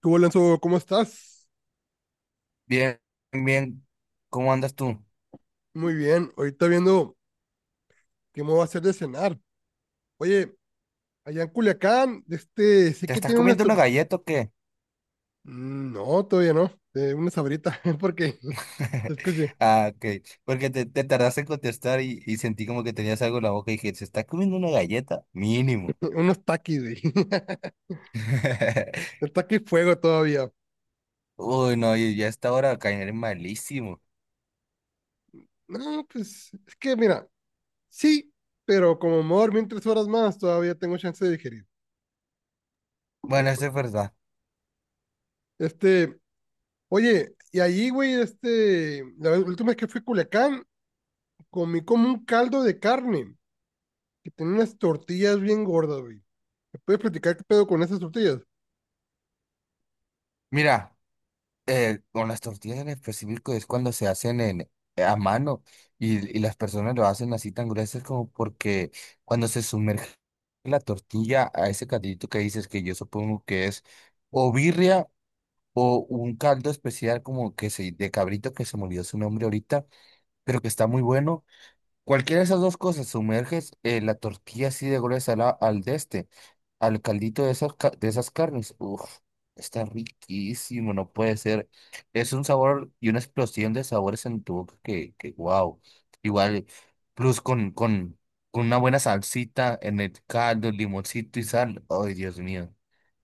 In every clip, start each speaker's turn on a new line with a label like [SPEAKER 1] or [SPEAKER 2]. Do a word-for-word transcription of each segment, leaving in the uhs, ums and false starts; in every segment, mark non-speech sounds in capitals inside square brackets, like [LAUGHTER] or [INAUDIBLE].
[SPEAKER 1] Tú, Alonso, ¿cómo estás?
[SPEAKER 2] Bien, bien, ¿cómo andas tú?
[SPEAKER 1] Muy bien. Ahorita viendo qué me va a hacer de cenar. Oye, allá en Culiacán, este, sé
[SPEAKER 2] ¿Te
[SPEAKER 1] que
[SPEAKER 2] estás
[SPEAKER 1] tiene unas...
[SPEAKER 2] comiendo una
[SPEAKER 1] tur-
[SPEAKER 2] galleta o qué?
[SPEAKER 1] Mm, No, todavía no. Eh, una sabrita, [LAUGHS] porque,
[SPEAKER 2] [LAUGHS]
[SPEAKER 1] escuche,
[SPEAKER 2] Ah, ok, porque te, te tardaste en contestar y, y sentí como que tenías algo en la boca y dije, ¿se está comiendo una galleta? Mínimo.
[SPEAKER 1] unos taquis, güey. [LAUGHS]
[SPEAKER 2] [LAUGHS]
[SPEAKER 1] El taqui fuego todavía.
[SPEAKER 2] Uy, no, y ya a esta hora caeré malísimo.
[SPEAKER 1] No, pues, es que mira, sí, pero como me voy a dormir tres horas más, todavía tengo chance de digerir.
[SPEAKER 2] Bueno, eso es verdad.
[SPEAKER 1] Este, Oye, y allí, güey, este, la vez- la última vez que fui a Culiacán, comí como un caldo de carne que tenía unas tortillas bien gordas, güey. ¿Me puedes platicar qué pedo con esas tortillas?
[SPEAKER 2] Mira. Eh, con las tortillas en específico es cuando se hacen en, eh, a mano y, y las personas lo hacen así tan gruesas como porque cuando se sumerge la tortilla a ese caldito que dices que yo supongo que es o birria o un caldo especial como que se, de cabrito que se me olvidó su nombre ahorita, pero que está muy bueno. Cualquiera de esas dos cosas, sumerges eh, la tortilla así de gruesa la- al de este, al caldito de esas, ca- de esas carnes. Uf, está riquísimo, no puede ser. Es un sabor y una explosión de sabores en tu boca que, que wow. Igual, plus con, con, con una buena salsita en el caldo, limoncito y sal. Ay, Dios mío.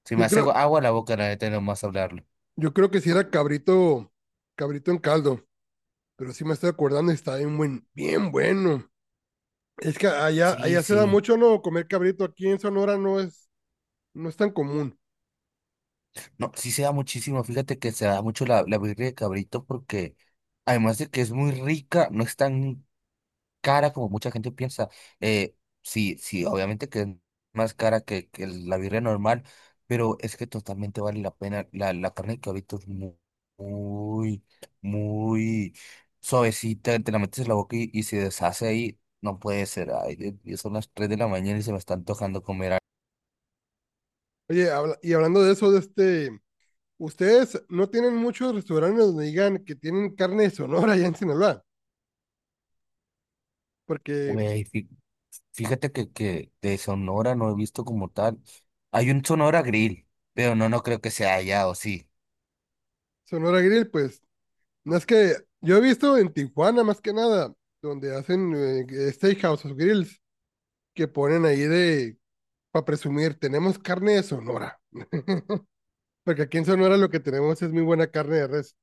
[SPEAKER 2] Se me
[SPEAKER 1] Yo
[SPEAKER 2] hace
[SPEAKER 1] creo,
[SPEAKER 2] agua agua la boca, la neta, nomás hablarlo.
[SPEAKER 1] yo creo que si era cabrito, cabrito en caldo, pero sí me estoy acordando y está bien buen, bien bueno. Es que allá,
[SPEAKER 2] Sí,
[SPEAKER 1] allá se da
[SPEAKER 2] sí.
[SPEAKER 1] mucho, ¿no? Comer cabrito aquí en Sonora no es, no es tan común.
[SPEAKER 2] No, sí se da muchísimo, fíjate que se da mucho la, la birria de cabrito porque además de que es muy rica, no es tan cara como mucha gente piensa. Eh, sí, sí, obviamente que es más cara que, que la birria normal, pero es que totalmente vale la pena. La, la carne de cabrito es mu- muy, muy, suavecita, te la metes en la boca y, y se deshace ahí. No puede ser, ay, Dios mío, son las tres de la mañana y se me está antojando comer algo.
[SPEAKER 1] Oye, habla- y hablando de eso, de este, ustedes no tienen muchos restaurantes donde digan que tienen carne de Sonora allá en Sinaloa, porque
[SPEAKER 2] Güey, fíjate que, que de Sonora no he visto como tal. Hay un Sonora Grill, pero no, no creo que sea allá, ¿o sí?
[SPEAKER 1] Sonora Grill, pues, no es que yo he visto en Tijuana más que nada, donde hacen eh, steakhouse o grills, que ponen ahí de, para presumir, tenemos carne de Sonora. [LAUGHS] Porque aquí en Sonora lo que tenemos es muy buena carne de res.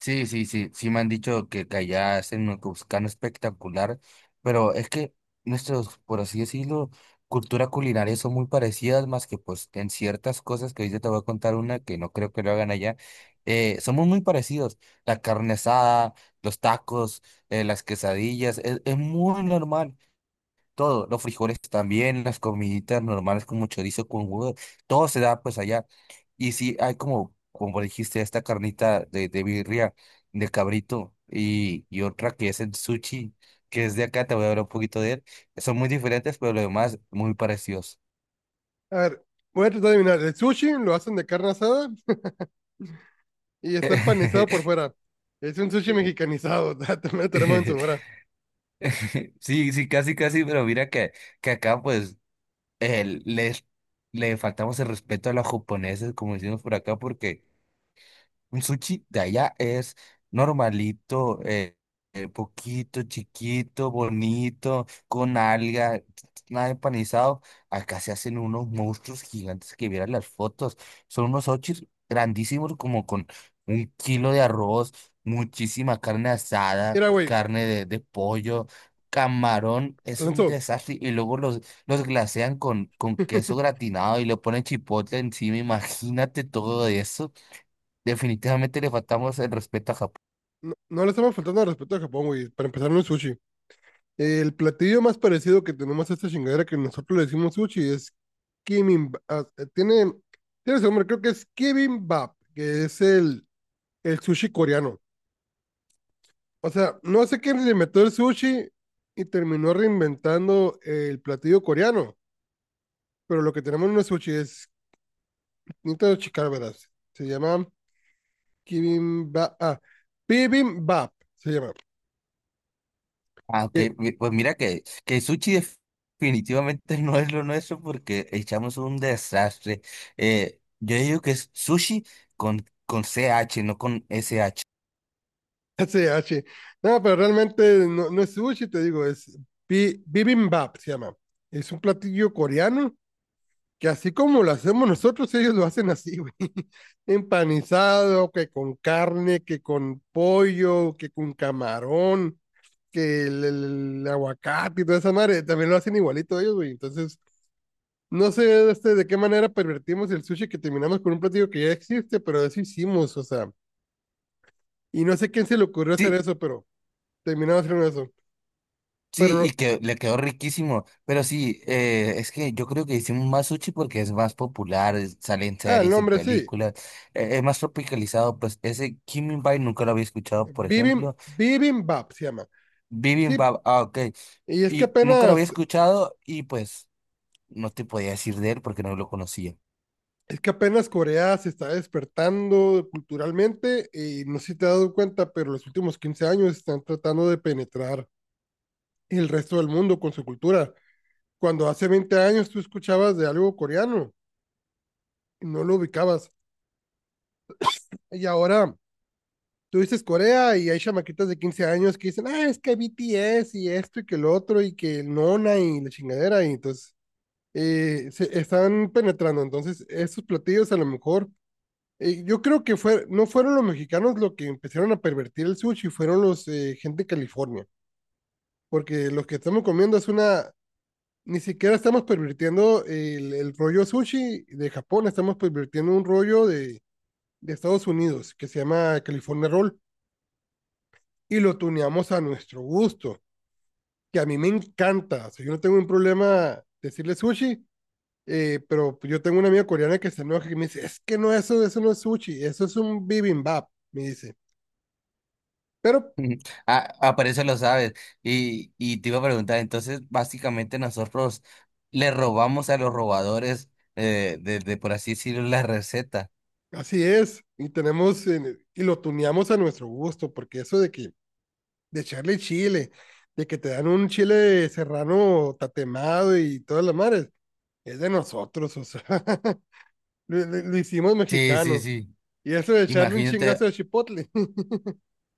[SPEAKER 2] Sí, sí, sí, sí me han dicho que, que allá hacen un cuscano espectacular, pero es que nuestros, por así decirlo, cultura culinaria son muy parecidas, más que pues en ciertas cosas que ahorita te voy a contar una que no creo que lo hagan allá, eh, somos muy parecidos, la carne asada, los tacos, eh, las quesadillas, es, es muy normal. Todo, los frijoles también, las comiditas normales como chorizo con huevo, todo se da pues allá. Y sí, hay como, como dijiste, esta carnita de, de birria, de cabrito, y, y otra que es el sushi, que es de acá, te voy a hablar un poquito de él. Son muy diferentes, pero lo demás muy parecidos.
[SPEAKER 1] A ver, voy a tratar de adivinar. El sushi lo hacen de carne asada y está empanizado por
[SPEAKER 2] [LAUGHS]
[SPEAKER 1] fuera. Es un sushi mexicanizado, [LAUGHS] también lo tenemos en Sonora.
[SPEAKER 2] Sí, sí, casi, casi, pero mira que, que acá pues el- les, le faltamos el respeto a los japoneses, como decimos por acá, porque... Un sushi de allá es normalito, eh, eh, poquito, chiquito, bonito, con alga, nada empanizado. Acá se hacen unos monstruos gigantes que vieran las fotos. Son unos sushis grandísimos, como con un kilo de arroz, muchísima carne asada,
[SPEAKER 1] Mira, güey,
[SPEAKER 2] carne de, de pollo, camarón. Es un
[SPEAKER 1] Alonso,
[SPEAKER 2] desastre. Y luego los, los glasean con, con queso
[SPEAKER 1] [LAUGHS]
[SPEAKER 2] gratinado y le ponen chipotle encima. Imagínate todo eso. Definitivamente le faltamos el respeto a Japón.
[SPEAKER 1] no, no le estamos faltando al respeto a Japón, güey, para empezar no es sushi. El platillo más parecido que tenemos a esta chingadera que nosotros le decimos sushi es Kimbap. ah, eh, Tiene, tiene su nombre, creo que es Kimbap, que es el, el sushi coreano. O sea, no sé quién le inventó el sushi y terminó reinventando el platillo coreano, pero lo que tenemos no es sushi, es necesito checar, verás. Se llama Kimbap, ah, Bibimbap, se llama. eh,
[SPEAKER 2] Aunque, mi- pues mira que, que el sushi def- definitivamente [LAUGHS] no es lo nuestro porque echamos un desastre. Eh, yo digo que es sushi con, con ce hache, no con ese hache.
[SPEAKER 1] [LAUGHS] S h. No, pero realmente no, no es sushi, te digo, es bi- Bibimbap, se llama. Es un platillo coreano que así como lo hacemos nosotros, ellos lo hacen así, güey. [LAUGHS] Empanizado, que con carne, que con pollo, que con camarón, que el, el el aguacate y toda esa madre, también lo hacen igualito ellos, güey. Entonces, no sé este, de qué manera pervertimos el sushi que terminamos con un platillo que ya existe, pero eso hicimos, o sea. Y no sé quién se le ocurrió hacer
[SPEAKER 2] Sí,
[SPEAKER 1] eso, pero terminamos haciendo eso. Pero,
[SPEAKER 2] sí,
[SPEAKER 1] no-
[SPEAKER 2] y que le quedó riquísimo. Pero sí, eh, es que yo creo que hicimos más sushi porque es más popular, es- sale en
[SPEAKER 1] ah, el
[SPEAKER 2] series, en
[SPEAKER 1] nombre sí.
[SPEAKER 2] películas, eh, es más tropicalizado. Pues ese Kimbap nunca lo había escuchado, por
[SPEAKER 1] Bibim,
[SPEAKER 2] ejemplo.
[SPEAKER 1] Bibimbap se llama. Sí,
[SPEAKER 2] Bibimbap, ah, ok.
[SPEAKER 1] y es que
[SPEAKER 2] Y nunca lo había
[SPEAKER 1] apenas
[SPEAKER 2] escuchado y pues no te podía decir de él porque no lo conocía.
[SPEAKER 1] es que apenas Corea se está despertando culturalmente y no sé si te has dado cuenta, pero los últimos quince años están tratando de penetrar el resto del mundo con su cultura. Cuando hace veinte años tú escuchabas de algo coreano y no lo ubicabas. Y ahora tú dices Corea y hay chamaquitas de quince años que dicen, ah, es que B T S y esto y que el otro y que el Nona y la chingadera. Y entonces eh, se están penetrando. Entonces, esos platillos a lo mejor Eh, yo creo que fue, no fueron los mexicanos los que empezaron a pervertir el sushi, fueron los eh, gente de California, porque los que estamos comiendo es una, ni siquiera estamos pervirtiendo el, el rollo sushi de Japón, estamos pervirtiendo un rollo de, de Estados Unidos que se llama California Roll y lo tuneamos a nuestro gusto, que a mí me encanta, o sea, yo no tengo un problema decirle sushi, eh, pero yo tengo una amiga coreana que se enoja y me dice, es que no, eso, eso no es sushi, eso es un bibimbap, me dice. Pero
[SPEAKER 2] [LAUGHS] Ujú. Ah, ah, por eso lo sabes. Y, y te iba a preguntar, entonces básicamente nosotros le robamos a los robadores eh, de, de, por así decirlo, la receta.
[SPEAKER 1] así es, y tenemos en- y lo tuneamos a nuestro gusto, porque eso de que de echarle chile, de que te dan un chile serrano tatemado y todas las madres, es de nosotros, o sea, [LAUGHS] lo, lo- lo hicimos
[SPEAKER 2] Sí, sí,
[SPEAKER 1] mexicano.
[SPEAKER 2] sí.
[SPEAKER 1] Y eso de echarle un chingazo
[SPEAKER 2] Imagínate.
[SPEAKER 1] de chipotle, [LAUGHS]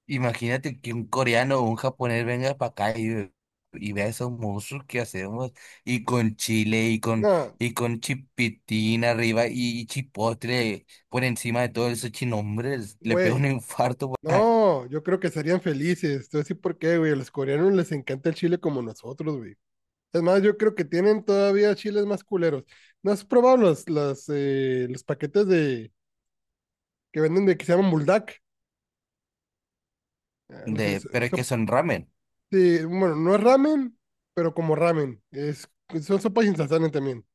[SPEAKER 2] Imagínate que un coreano o un japonés venga para acá y, ve- y vea esos monstruos que hacemos, y con chile, y con,
[SPEAKER 1] no,
[SPEAKER 2] y con chipitín arriba, y, y chipotle por encima de todos esos chinombres, le pega un
[SPEAKER 1] güey,
[SPEAKER 2] infarto, pa-
[SPEAKER 1] no, yo creo que serían felices. Te voy a decir por qué, güey, a los coreanos les encanta el chile como nosotros, güey. Es más, yo creo que tienen todavía chiles más culeros. ¿No has probado los, las, eh, los paquetes de que venden de que se llaman buldak. Eh, las-
[SPEAKER 2] de,
[SPEAKER 1] so-
[SPEAKER 2] pero es
[SPEAKER 1] so-
[SPEAKER 2] que son ramen.
[SPEAKER 1] sí, bueno, no es ramen, pero como ramen. Es, son sopas instantáneas también.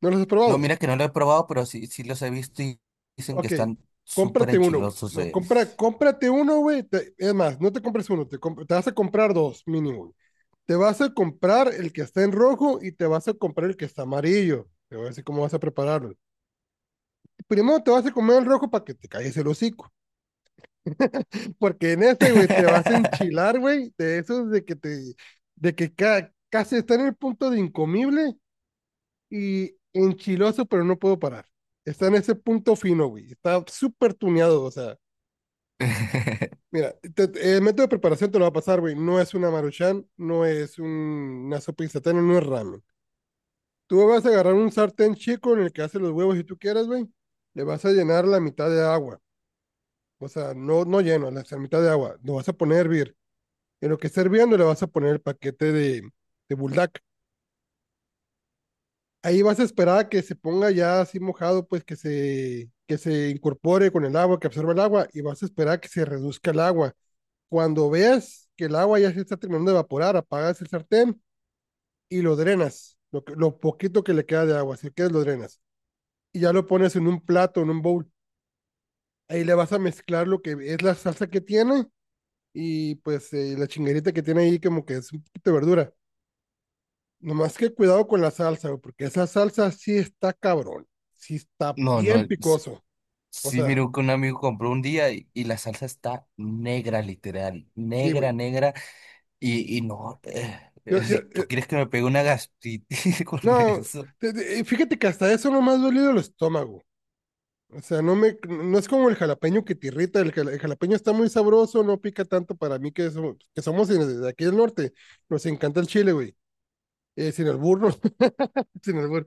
[SPEAKER 1] ¿No los has
[SPEAKER 2] No,
[SPEAKER 1] probado?
[SPEAKER 2] mira que no lo he probado, pero sí, sí los he visto y dicen que
[SPEAKER 1] Ok,
[SPEAKER 2] están súper
[SPEAKER 1] cómprate uno, güey.
[SPEAKER 2] enchilosos.
[SPEAKER 1] No,
[SPEAKER 2] eh.
[SPEAKER 1] compra, cómprate uno, güey. Te- Es más, no te compres uno, te, comp- te vas a comprar dos mínimo, güey. Te vas a comprar el que está en rojo y te vas a comprar el que está amarillo. Te voy a decir cómo vas a prepararlo. Primero te vas a comer el rojo para que te calles el hocico, porque en ese, güey, te vas a enchilar,
[SPEAKER 2] [LAUGHS]
[SPEAKER 1] güey, de esos de que te, de que ca- casi está en el punto de incomible y enchiloso, pero no puedo parar. Está en ese punto fino, güey. Está súper tuneado, o sea. Mira, te- te- el método de preparación te lo va a pasar, güey. No es una maruchan, no es un- una sopa instantánea, no es ramen. Tú vas a agarrar un sartén chico en el que haces los huevos si tú quieres, güey. Le vas a llenar la mitad de agua. O sea, no, no lleno, la la mitad de agua. Lo vas a poner a hervir. En lo que esté hirviendo le vas a poner el paquete de, de Buldak. Ahí vas a esperar a que se ponga ya así mojado, pues que se, que se incorpore con el agua, que absorba el agua, y vas a esperar a que se reduzca el agua. Cuando veas que el agua ya se está terminando de evaporar, apagas el sartén y lo drenas, lo, que- lo poquito que le queda de agua, si quieres lo drenas. Y ya lo pones en un plato, en un bowl. Ahí le vas a mezclar lo que es la salsa que tiene y pues eh, la chinguerita que tiene ahí como que es un poquito de verdura. Nomás que cuidado con la salsa, güey, porque esa salsa sí está cabrón. Sí está
[SPEAKER 2] No,
[SPEAKER 1] bien
[SPEAKER 2] no.
[SPEAKER 1] picoso. O
[SPEAKER 2] Sí,
[SPEAKER 1] sea,
[SPEAKER 2] miró que un amigo compró un día y, y la salsa está negra, literal,
[SPEAKER 1] sí,
[SPEAKER 2] negra,
[SPEAKER 1] güey.
[SPEAKER 2] negra, y, y no, eh,
[SPEAKER 1] Yo,
[SPEAKER 2] eh,
[SPEAKER 1] yo,
[SPEAKER 2] si
[SPEAKER 1] eh,
[SPEAKER 2] tú quieres que me pegue una gastritis [LAUGHS] con
[SPEAKER 1] no,
[SPEAKER 2] eso.
[SPEAKER 1] te- te- eh, fíjate que hasta eso no me ha dolido el estómago. O sea, no me, no es como el jalapeño que te irrita. El, jala- el jalapeño está muy sabroso, no pica tanto para mí que, somos- que somos en- de aquí del norte. Nos encanta el chile, güey. Eh, sin albur, no, [LAUGHS] sin albur.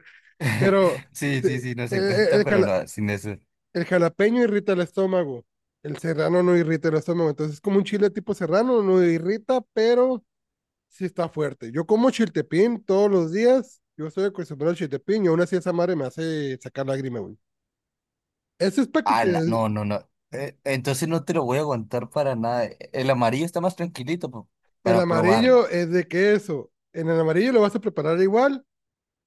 [SPEAKER 1] Pero
[SPEAKER 2] [LAUGHS] Sí,
[SPEAKER 1] te-
[SPEAKER 2] sí,
[SPEAKER 1] eh,
[SPEAKER 2] sí, nos
[SPEAKER 1] eh,
[SPEAKER 2] encanta,
[SPEAKER 1] el
[SPEAKER 2] pero
[SPEAKER 1] jala-
[SPEAKER 2] no, sin eso.
[SPEAKER 1] el jalapeño irrita el estómago. El serrano no irrita el estómago. Entonces es como un chile tipo serrano, no irrita, pero sí está fuerte. Yo como chiltepín todos los días. Yo estoy acostumbrado al chiltepín y aún así esa madre me hace sacar lágrima, güey. Ese es para que
[SPEAKER 2] Ah,
[SPEAKER 1] te...
[SPEAKER 2] la- no, no, no. Eh, entonces no te lo voy a aguantar para nada. eh, El amarillo está más tranquilito po-
[SPEAKER 1] el
[SPEAKER 2] para probarlo.
[SPEAKER 1] amarillo es de queso. En el amarillo lo vas a preparar igual.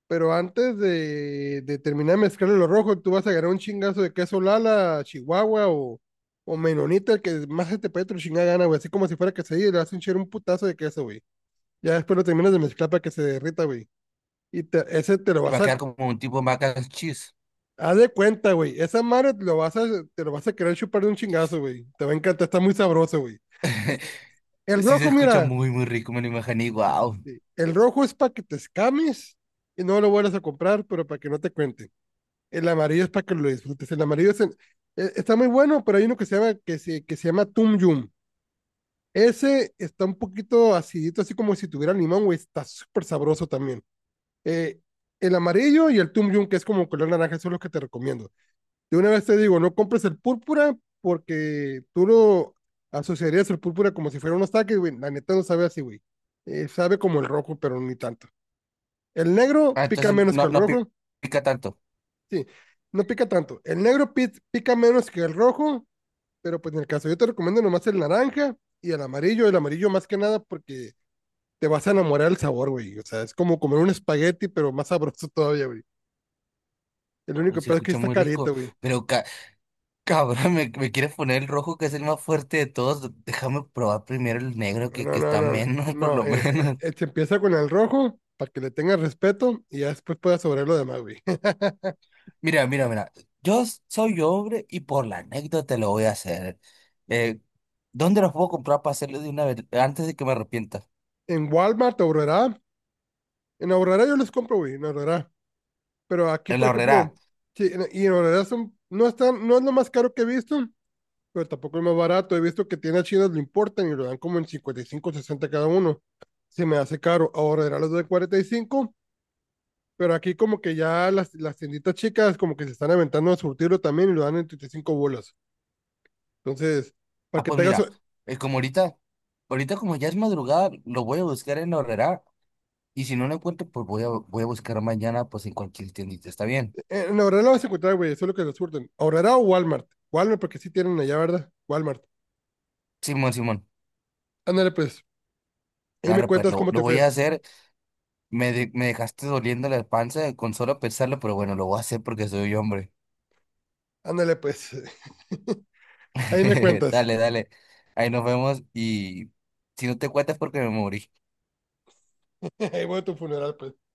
[SPEAKER 1] Pero antes de, de terminar de mezclarle lo rojo, tú vas a agarrar un chingazo de queso Lala, Chihuahua o, o Menonita, el que más se te pegue tu chingada gana, güey. Así como si fuera quesadilla, y le vas a hinchar un putazo de queso, güey. Ya después lo terminas de mezclar para que se derrita, güey. Y te- ese te lo
[SPEAKER 2] Y va
[SPEAKER 1] vas
[SPEAKER 2] a
[SPEAKER 1] a.
[SPEAKER 2] quedar como un tipo mac and cheese.
[SPEAKER 1] Haz de cuenta, güey. Esa madre te lo vas a, te lo vas a querer chupar de un chingazo, güey. Te va a encantar, está muy sabroso, güey.
[SPEAKER 2] [LAUGHS]
[SPEAKER 1] El
[SPEAKER 2] Sí, se
[SPEAKER 1] rojo,
[SPEAKER 2] escucha
[SPEAKER 1] mira.
[SPEAKER 2] muy, muy rico, me lo imaginé. Wow.
[SPEAKER 1] Sí. El rojo es para que te escames y no lo vuelvas a comprar, pero para que no te cuente. El amarillo es para que lo disfrutes. El amarillo es en- eh, está muy bueno, pero hay uno que se llama, que se, que se llama Tum Yum. Ese está un poquito acidito, así como si tuviera limón, güey. Está súper sabroso también. Eh, el amarillo y el Tum Yum, que es como color naranja, eso es lo que te recomiendo. De una vez te digo, no compres el púrpura porque tú lo asociarías el púrpura como si fuera unos taques, güey. La neta no sabe así, güey. Eh, sabe como el rojo, pero ni tanto. El negro
[SPEAKER 2] Ah,
[SPEAKER 1] pica
[SPEAKER 2] entonces
[SPEAKER 1] menos que
[SPEAKER 2] no,
[SPEAKER 1] el
[SPEAKER 2] no pi-
[SPEAKER 1] rojo.
[SPEAKER 2] pica tanto.
[SPEAKER 1] Sí, no pica tanto. El negro pit, pica menos que el rojo, pero pues en el caso yo te recomiendo nomás el naranja y el amarillo. El amarillo más que nada porque te vas a enamorar del sabor, güey. O sea, es como comer un espagueti, pero más sabroso [LAUGHS] todavía, güey. El
[SPEAKER 2] Uy,
[SPEAKER 1] único
[SPEAKER 2] se
[SPEAKER 1] peor es que
[SPEAKER 2] escucha
[SPEAKER 1] está
[SPEAKER 2] muy rico,
[SPEAKER 1] carito, güey.
[SPEAKER 2] pero ca- [LAUGHS] cabrón, me, me quieres poner el rojo que es el más fuerte de todos. Déjame probar primero el negro
[SPEAKER 1] No,
[SPEAKER 2] que,
[SPEAKER 1] no,
[SPEAKER 2] que
[SPEAKER 1] no,
[SPEAKER 2] está
[SPEAKER 1] no.
[SPEAKER 2] menos, [LAUGHS] por
[SPEAKER 1] No,
[SPEAKER 2] lo
[SPEAKER 1] eh, eh,
[SPEAKER 2] menos.
[SPEAKER 1] eh, se empieza con el rojo para que le tengas respeto y ya después puedas sobrar lo demás, güey. [LAUGHS]
[SPEAKER 2] Mira, mira, mira. Yo s- soy hombre y por la anécdota lo voy a hacer. Eh, ¿dónde los puedo comprar para hacerlo de una vez antes de que me arrepienta?
[SPEAKER 1] En Walmart, Aurora, en Aurora yo los compro, güey, en Aurora. Pero aquí,
[SPEAKER 2] En
[SPEAKER 1] por
[SPEAKER 2] la horrera.
[SPEAKER 1] ejemplo, sí, en- y en Aurora son, no, están, no es lo más caro que he visto, pero tampoco es más barato. He visto que tiendas chinas lo importan y lo dan como en cincuenta y cinco, sesenta cada uno. Se me hace caro. Ahora era los de cuarenta y cinco, pero aquí como que ya las, las tienditas chicas como que se están aventando a surtirlo también y lo dan en treinta y cinco bolas. Entonces, para
[SPEAKER 2] Ah,
[SPEAKER 1] que
[SPEAKER 2] pues
[SPEAKER 1] te hagas...
[SPEAKER 2] mira,
[SPEAKER 1] eh,
[SPEAKER 2] eh, como ahorita, ahorita como ya es madrugada, lo voy a buscar en la horrera y si no lo encuentro, pues voy a, voy a buscar mañana pues en cualquier tiendita. ¿Está bien?
[SPEAKER 1] en Aurora lo vas a encontrar, güey, eso es lo que lo surten. Aurora o Walmart. Walmart, porque sí tienen allá, ¿verdad? Walmart.
[SPEAKER 2] Simón, Simón.
[SPEAKER 1] Ándale pues, ahí me
[SPEAKER 2] Claro, pues
[SPEAKER 1] cuentas
[SPEAKER 2] lo,
[SPEAKER 1] cómo
[SPEAKER 2] lo
[SPEAKER 1] te
[SPEAKER 2] voy a
[SPEAKER 1] fue.
[SPEAKER 2] hacer. Me, de- me dejaste doliendo la panza con solo pensarlo, pero bueno, lo voy a hacer porque soy hombre.
[SPEAKER 1] Ándale pues, [LAUGHS] ahí me
[SPEAKER 2] [LAUGHS]
[SPEAKER 1] cuentas.
[SPEAKER 2] Dale, dale. Ahí nos vemos y si no te cuentas porque me morí.
[SPEAKER 1] [LAUGHS] Ahí voy a tu funeral pues.